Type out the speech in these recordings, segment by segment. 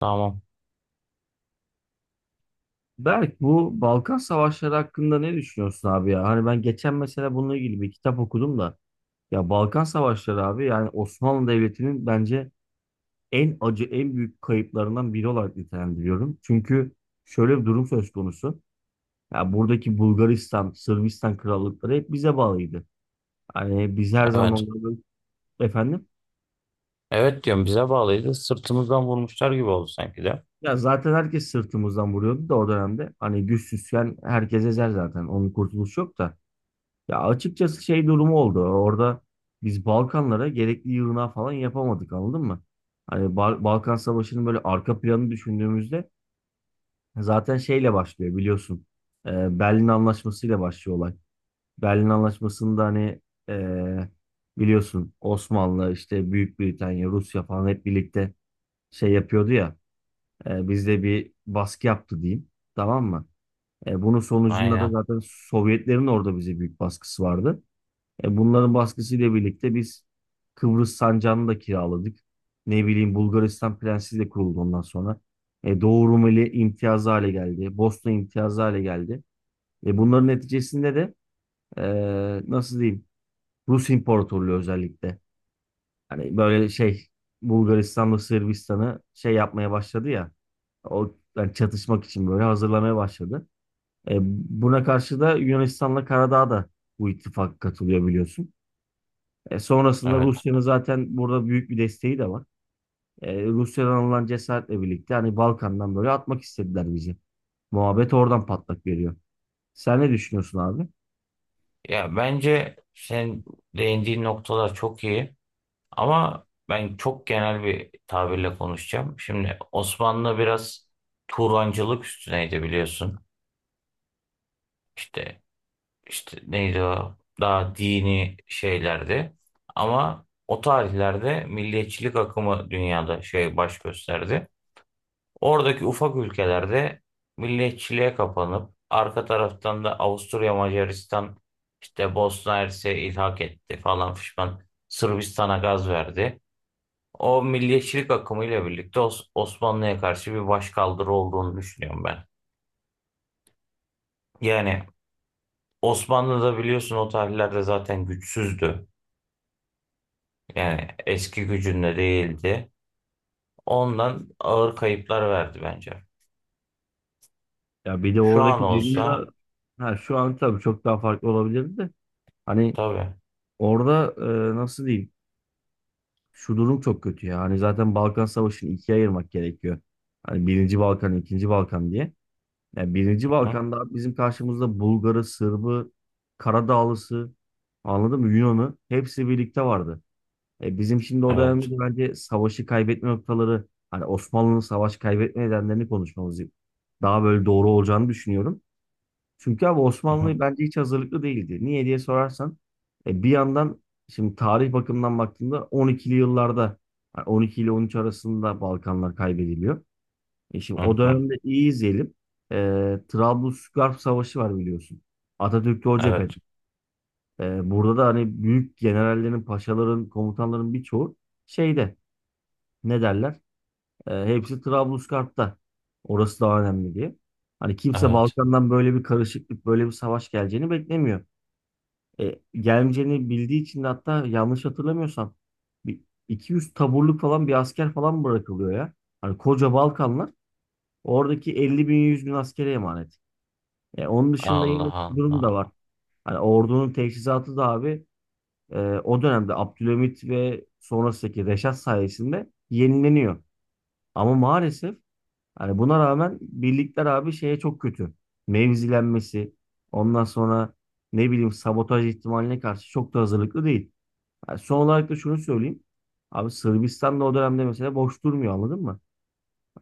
Tamam. Berk, bu Balkan Savaşları hakkında ne düşünüyorsun abi ya? Hani ben geçen mesela bununla ilgili bir kitap okudum da ya Balkan Savaşları abi, yani Osmanlı Devleti'nin bence en acı, en büyük kayıplarından biri olarak nitelendiriyorum. Çünkü şöyle bir durum söz konusu. Ya buradaki Bulgaristan, Sırbistan krallıkları hep bize bağlıydı. Hani biz her zaman Evet. onları efendim Evet diyorum, bize bağlıydı. Sırtımızdan vurmuşlar gibi oldu sanki de. ya zaten herkes sırtımızdan vuruyordu da o dönemde. Hani güçsüzken herkes ezer zaten. Onun kurtuluşu yok da. Ya açıkçası şey durumu oldu. Orada biz Balkanlara gerekli yığınağı falan yapamadık, anladın mı? Hani Balkan Savaşı'nın böyle arka planı düşündüğümüzde zaten şeyle başlıyor, biliyorsun. Berlin Anlaşması ile başlıyor olay. Berlin Anlaşması'nda hani ee, biliyorsun Osmanlı işte Büyük Britanya, Rusya falan hep birlikte şey yapıyordu ya. Bizde bir baskı yaptı diyeyim. Tamam mı? Bunun sonucunda da Aynen. zaten Sovyetlerin orada bize büyük baskısı vardı. Bunların baskısıyla birlikte biz Kıbrıs sancağını da kiraladık. Ne bileyim Bulgaristan Prensi de kuruldu ondan sonra. Doğu Rumeli imtiyazı hale geldi. Bosna imtiyazı hale geldi. Bunların neticesinde de e, nasıl diyeyim Rus İmparatorluğu özellikle. Hani böyle şey Bulgaristan'la Sırbistan'ı şey yapmaya başladı ya. O yani çatışmak için böyle hazırlamaya başladı. E, Buna karşı da Yunanistan'la Karadağ da bu ittifak katılıyor, biliyorsun. Sonrasında Evet. Rusya'nın zaten burada büyük bir desteği de var. Rusya'dan alınan cesaretle birlikte hani Balkan'dan böyle atmak istediler bizi. Muhabbet oradan patlak veriyor. Sen ne düşünüyorsun abi? Ya bence sen değindiğin noktalar çok iyi ama ben çok genel bir tabirle konuşacağım. Şimdi Osmanlı biraz Turancılık üstüneydi, biliyorsun. İşte neydi o? Daha dini şeylerdi. Ama o tarihlerde milliyetçilik akımı dünyada şey baş gösterdi. Oradaki ufak ülkelerde milliyetçiliğe kapanıp arka taraftan da Avusturya Macaristan işte Bosna Hersek'e ilhak etti falan fişman, Sırbistan'a gaz verdi. O milliyetçilik akımıyla birlikte Osmanlı'ya karşı bir başkaldırı olduğunu düşünüyorum ben. Yani Osmanlı da biliyorsun, o tarihlerde zaten güçsüzdü. Yani eski gücünde değildi. Ondan ağır kayıplar verdi bence. Ya bir de Şu an oradaki durumda olsa ha, şu an tabii çok daha farklı olabilirdi de. Hani tabii. orada nasıl diyeyim? Şu durum çok kötü ya. Hani zaten Balkan Savaşı'nı ikiye ayırmak gerekiyor. Hani birinci Balkan, ikinci Balkan diye. Yani Birinci Hı, Balkan'da abi bizim karşımızda Bulgarı, Sırbı, Karadağlısı, anladın mı? Yunan'ı, hepsi birlikte vardı. E bizim şimdi o dönemde evet. de bence savaşı kaybetme noktaları, hani Osmanlı'nın savaş kaybetme nedenlerini konuşmamız daha böyle doğru olacağını düşünüyorum. Çünkü abi Hı, Osmanlı bence hiç hazırlıklı değildi. Niye diye sorarsan, e bir yandan şimdi tarih bakımından baktığında 12'li yıllarda, yani 12 ile 13 arasında Balkanlar kaybediliyor. E şimdi hı, o hı. dönemde iyi izleyelim. E, Trablusgarp Savaşı var, biliyorsun. Atatürk'te o cephede. Evet. Burada da hani büyük generallerin, paşaların, komutanların birçoğu şeyde ne derler? Hepsi Trablusgarp'ta. Orası daha önemli diye. Hani kimse Evet. Balkan'dan böyle bir karışıklık, böyle bir savaş geleceğini beklemiyor. Gelmeyeceğini bildiği için de hatta yanlış hatırlamıyorsam bir 200 taburluk falan bir asker falan bırakılıyor ya. Hani koca Balkanlar oradaki 50 bin 100 bin askere emanet. Onun dışında yine Allah şu durum da Allah. var. Hani ordunun teçhizatı da abi e, o dönemde Abdülhamit ve sonrasındaki Reşat sayesinde yenileniyor. Ama maalesef hani buna rağmen birlikler abi şeye çok kötü. Mevzilenmesi, ondan sonra ne bileyim sabotaj ihtimaline karşı çok da hazırlıklı değil. Yani son olarak da şunu söyleyeyim. Abi Sırbistan da o dönemde mesela boş durmuyor, anladın mı?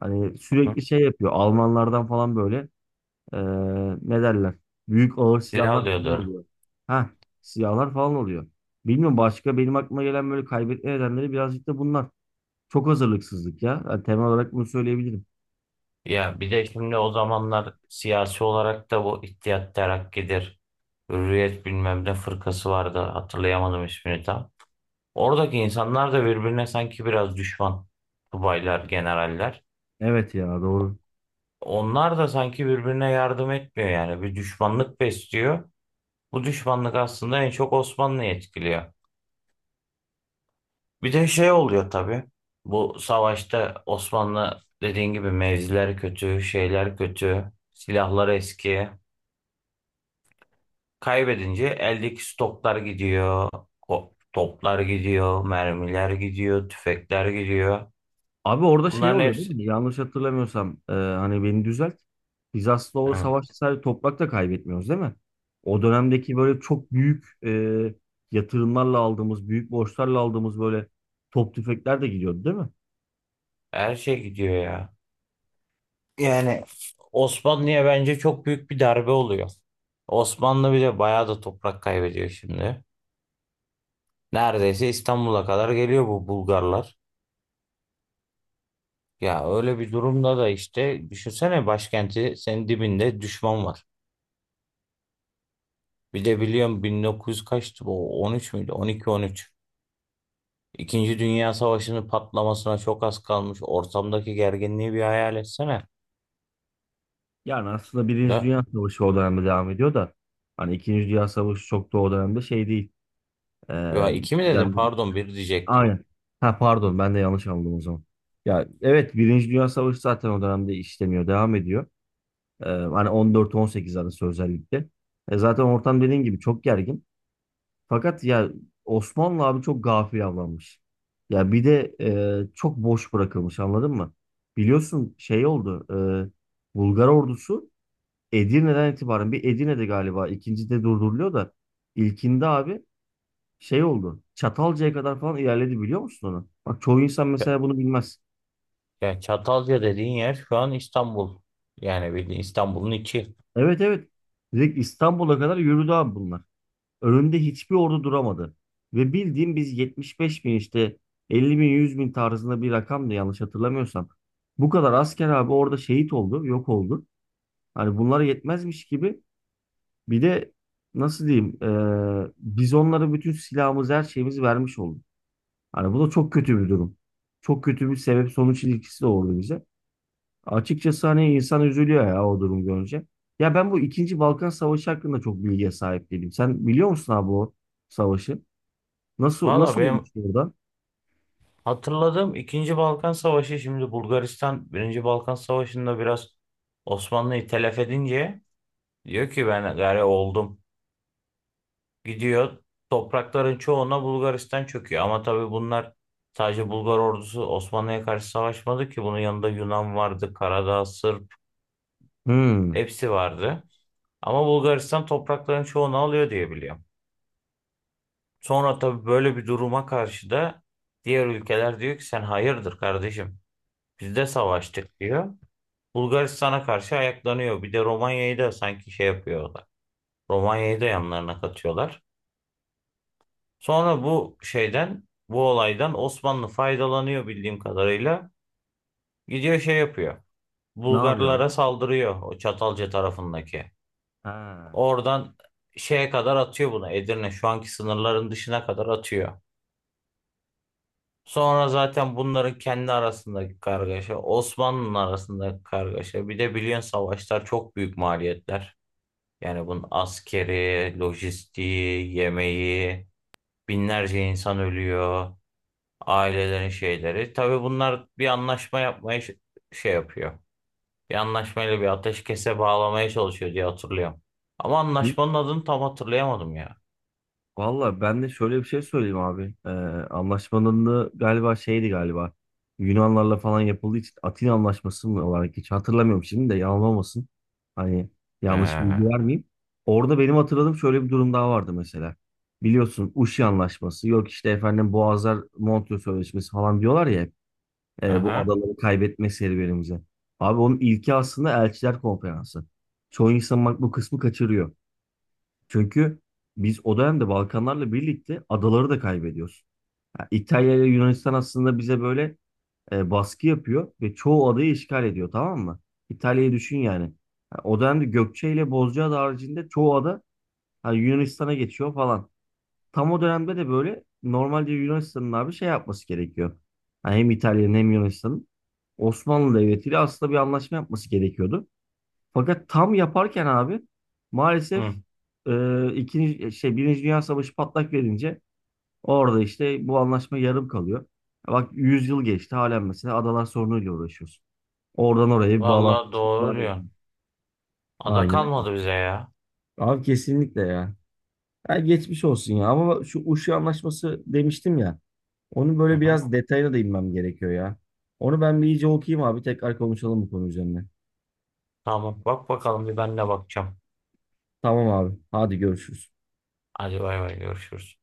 Hani Hı? sürekli şey yapıyor. Almanlardan falan böyle ee, ne derler? Büyük ağır Silah silahlar falan alıyordur. oluyor. Ha, silahlar falan oluyor. Bilmiyorum başka benim aklıma gelen böyle kaybetme nedenleri birazcık da bunlar. Çok hazırlıksızlık ya. Yani temel olarak bunu söyleyebilirim. Ya bir de şimdi o zamanlar siyasi olarak da bu İttihat Terakki'dir. Hürriyet bilmem ne fırkası vardı. Hatırlayamadım ismini tam. Oradaki insanlar da birbirine sanki biraz düşman. Subaylar, generaller. Evet ya doğru. Onlar da sanki birbirine yardım etmiyor yani. Bir düşmanlık besliyor. Bu düşmanlık aslında en çok Osmanlı'yı etkiliyor. Bir de şey oluyor tabii. Bu savaşta Osmanlı dediğin gibi mevziler kötü, şeyler kötü, silahlar eski. Kaybedince eldeki stoklar gidiyor, toplar gidiyor, mermiler gidiyor, tüfekler gidiyor. Abi orada şey Bunların oluyor değil hepsi. mi? Yanlış hatırlamıyorsam hani beni düzelt. Biz aslında o Hı, savaşta sadece toprak da kaybetmiyoruz değil mi? O dönemdeki böyle çok büyük yatırımlarla aldığımız, büyük borçlarla aldığımız böyle top tüfekler de gidiyordu değil mi? her şey gidiyor ya. Yani Osmanlı'ya bence çok büyük bir darbe oluyor. Osmanlı bile bayağı da toprak kaybediyor şimdi. Neredeyse İstanbul'a kadar geliyor bu Bulgarlar. Ya öyle bir durumda da işte düşünsene, başkenti senin dibinde düşman var. Bir de biliyorum, 1900 kaçtı bu, 13 müydü? 12-13. İkinci Dünya Savaşı'nın patlamasına çok az kalmış. Ortamdaki gerginliği bir hayal etsene. Yani aslında Birinci Da, Dünya Savaşı o dönemde devam ediyor da hani İkinci Dünya Savaşı çok da o dönemde şey değil. Ee, ya iki mi dedim, yani- pardon, bir diyecektim. aynen. Ha pardon, ben de yanlış anladım o zaman. Ya evet, Birinci Dünya Savaşı zaten o dönemde işlemiyor, devam ediyor. Hani 14-18 arası özellikle. Zaten ortam dediğin gibi çok gergin. Fakat ya Osmanlı abi çok gafil avlanmış. Ya bir de çok boş bırakılmış, anladın mı? Biliyorsun şey oldu. Bulgar ordusu Edirne'den itibaren bir Edirne'de galiba ikinci de durduruluyor da ilkinde abi şey oldu. Çatalca'ya kadar falan ilerledi, biliyor musun onu? Bak çoğu insan Ç- mesela bunu bilmez. Ya Çatalca dediğin yer şu an İstanbul. Yani bildiğin İstanbul'un içi. Evet, evet. Direkt İstanbul'a kadar yürüdü abi bunlar. Önünde hiçbir ordu duramadı. Ve bildiğim biz 75 bin işte 50 bin 100 bin tarzında bir rakamdı yanlış hatırlamıyorsam. Bu kadar asker abi orada şehit oldu, yok oldu. Hani bunlara yetmezmiş gibi bir de nasıl diyeyim biz onlara bütün silahımızı, her şeyimizi vermiş olduk. Hani bu da çok kötü bir durum. Çok kötü bir sebep sonuç ilişkisi de oldu bize. Açıkçası hani insan üzülüyor ya o durum görünce. Ya ben bu ikinci Balkan Savaşı hakkında çok bilgiye sahip değilim. Sen biliyor musun abi o savaşı? Nasıl, Valla nasıl olmuş benim orada? hatırladığım ikinci Balkan Savaşı, şimdi Bulgaristan Birinci Balkan Savaşı'nda biraz Osmanlı'yı telef edince diyor ki ben gari oldum. Gidiyor, toprakların çoğuna Bulgaristan çöküyor. Ama tabii bunlar, sadece Bulgar ordusu Osmanlı'ya karşı savaşmadı ki. Bunun yanında Yunan vardı, Karadağ, Sırp, Hmm. hepsi vardı. Ama Bulgaristan toprakların çoğunu alıyor diye biliyorum. Sonra tabii böyle bir duruma karşı da diğer ülkeler diyor ki sen hayırdır kardeşim, biz de savaştık diyor. Bulgaristan'a karşı ayaklanıyor. Bir de Romanya'yı da sanki şey yapıyorlar. Romanya'yı da yanlarına katıyorlar. Sonra bu şeyden, bu olaydan Osmanlı faydalanıyor bildiğim kadarıyla. Gidiyor şey yapıyor. Ne yapıyor abi? Bulgarlara saldırıyor o Çatalca tarafındaki. Ha. Oradan şeye kadar atıyor bunu. Edirne şu anki sınırların dışına kadar atıyor. Sonra zaten bunların kendi arasındaki kargaşa, Osmanlı'nın arasındaki kargaşa. Bir de biliyorsun savaşlar çok büyük maliyetler. Yani bunun askeri, lojistiği, yemeği, binlerce insan ölüyor. Ailelerin şeyleri. Tabii bunlar bir anlaşma yapmaya şey yapıyor. Bir anlaşmayla bir ateşkese bağlamaya çalışıyor diye hatırlıyorum. Ama anlaşmanın adını tam hatırlayamadım ya. Valla ben de şöyle bir şey söyleyeyim abi. Anlaşmanın da galiba şeydi galiba. Yunanlarla falan yapıldığı için Atina Anlaşması mı olarak hiç hatırlamıyorum şimdi de yanılmasın. Hani yanlış bilgi Ee, vermeyeyim. Orada benim hatırladığım şöyle bir durum daha vardı mesela. Biliyorsun Uşi Anlaşması yok işte efendim Boğazlar Montreux Sözleşmesi falan diyorlar ya hep. Bu aha. adaları kaybetme serüvenimize. Abi onun ilki aslında Elçiler Konferansı. Çoğu insan bak bu kısmı kaçırıyor. Çünkü biz o dönemde Balkanlarla birlikte adaları da kaybediyoruz. Ha, İtalya ile Yunanistan aslında bize böyle baskı yapıyor ve çoğu adayı işgal ediyor, tamam mı? İtalya'yı düşün yani. Ha, o dönemde Gökçe ile Bozcaada haricinde çoğu ada hani Yunanistan'a geçiyor falan. Tam o dönemde de böyle normalde Yunanistan'ın abi şey yapması gerekiyor. Ha, hem İtalya'nın hem Yunanistan'ın Osmanlı Devleti ile aslında bir anlaşma yapması gerekiyordu. Fakat tam yaparken abi maalesef Hı. İkinci şey Birinci Dünya Savaşı patlak verince orada işte bu anlaşma yarım kalıyor. Bak 100 yıl geçti halen mesela adalar sorunuyla uğraşıyoruz. Oradan oraya bir bağlantı Vallahi doğru var ya. diyorsun. Ada Aynen öyle. kalmadı bize ya. Abi kesinlikle ya. Ya geçmiş olsun ya ama şu Uşu Anlaşması demiştim ya. Onun Hı böyle hı. biraz detayına da inmem gerekiyor ya. Onu ben bir iyice okuyayım abi, tekrar konuşalım bu konu üzerine. Tamam, bak bakalım, bir ben de bakacağım. Tamam abi, hadi görüşürüz. Hadi bay bay, görüşürüz.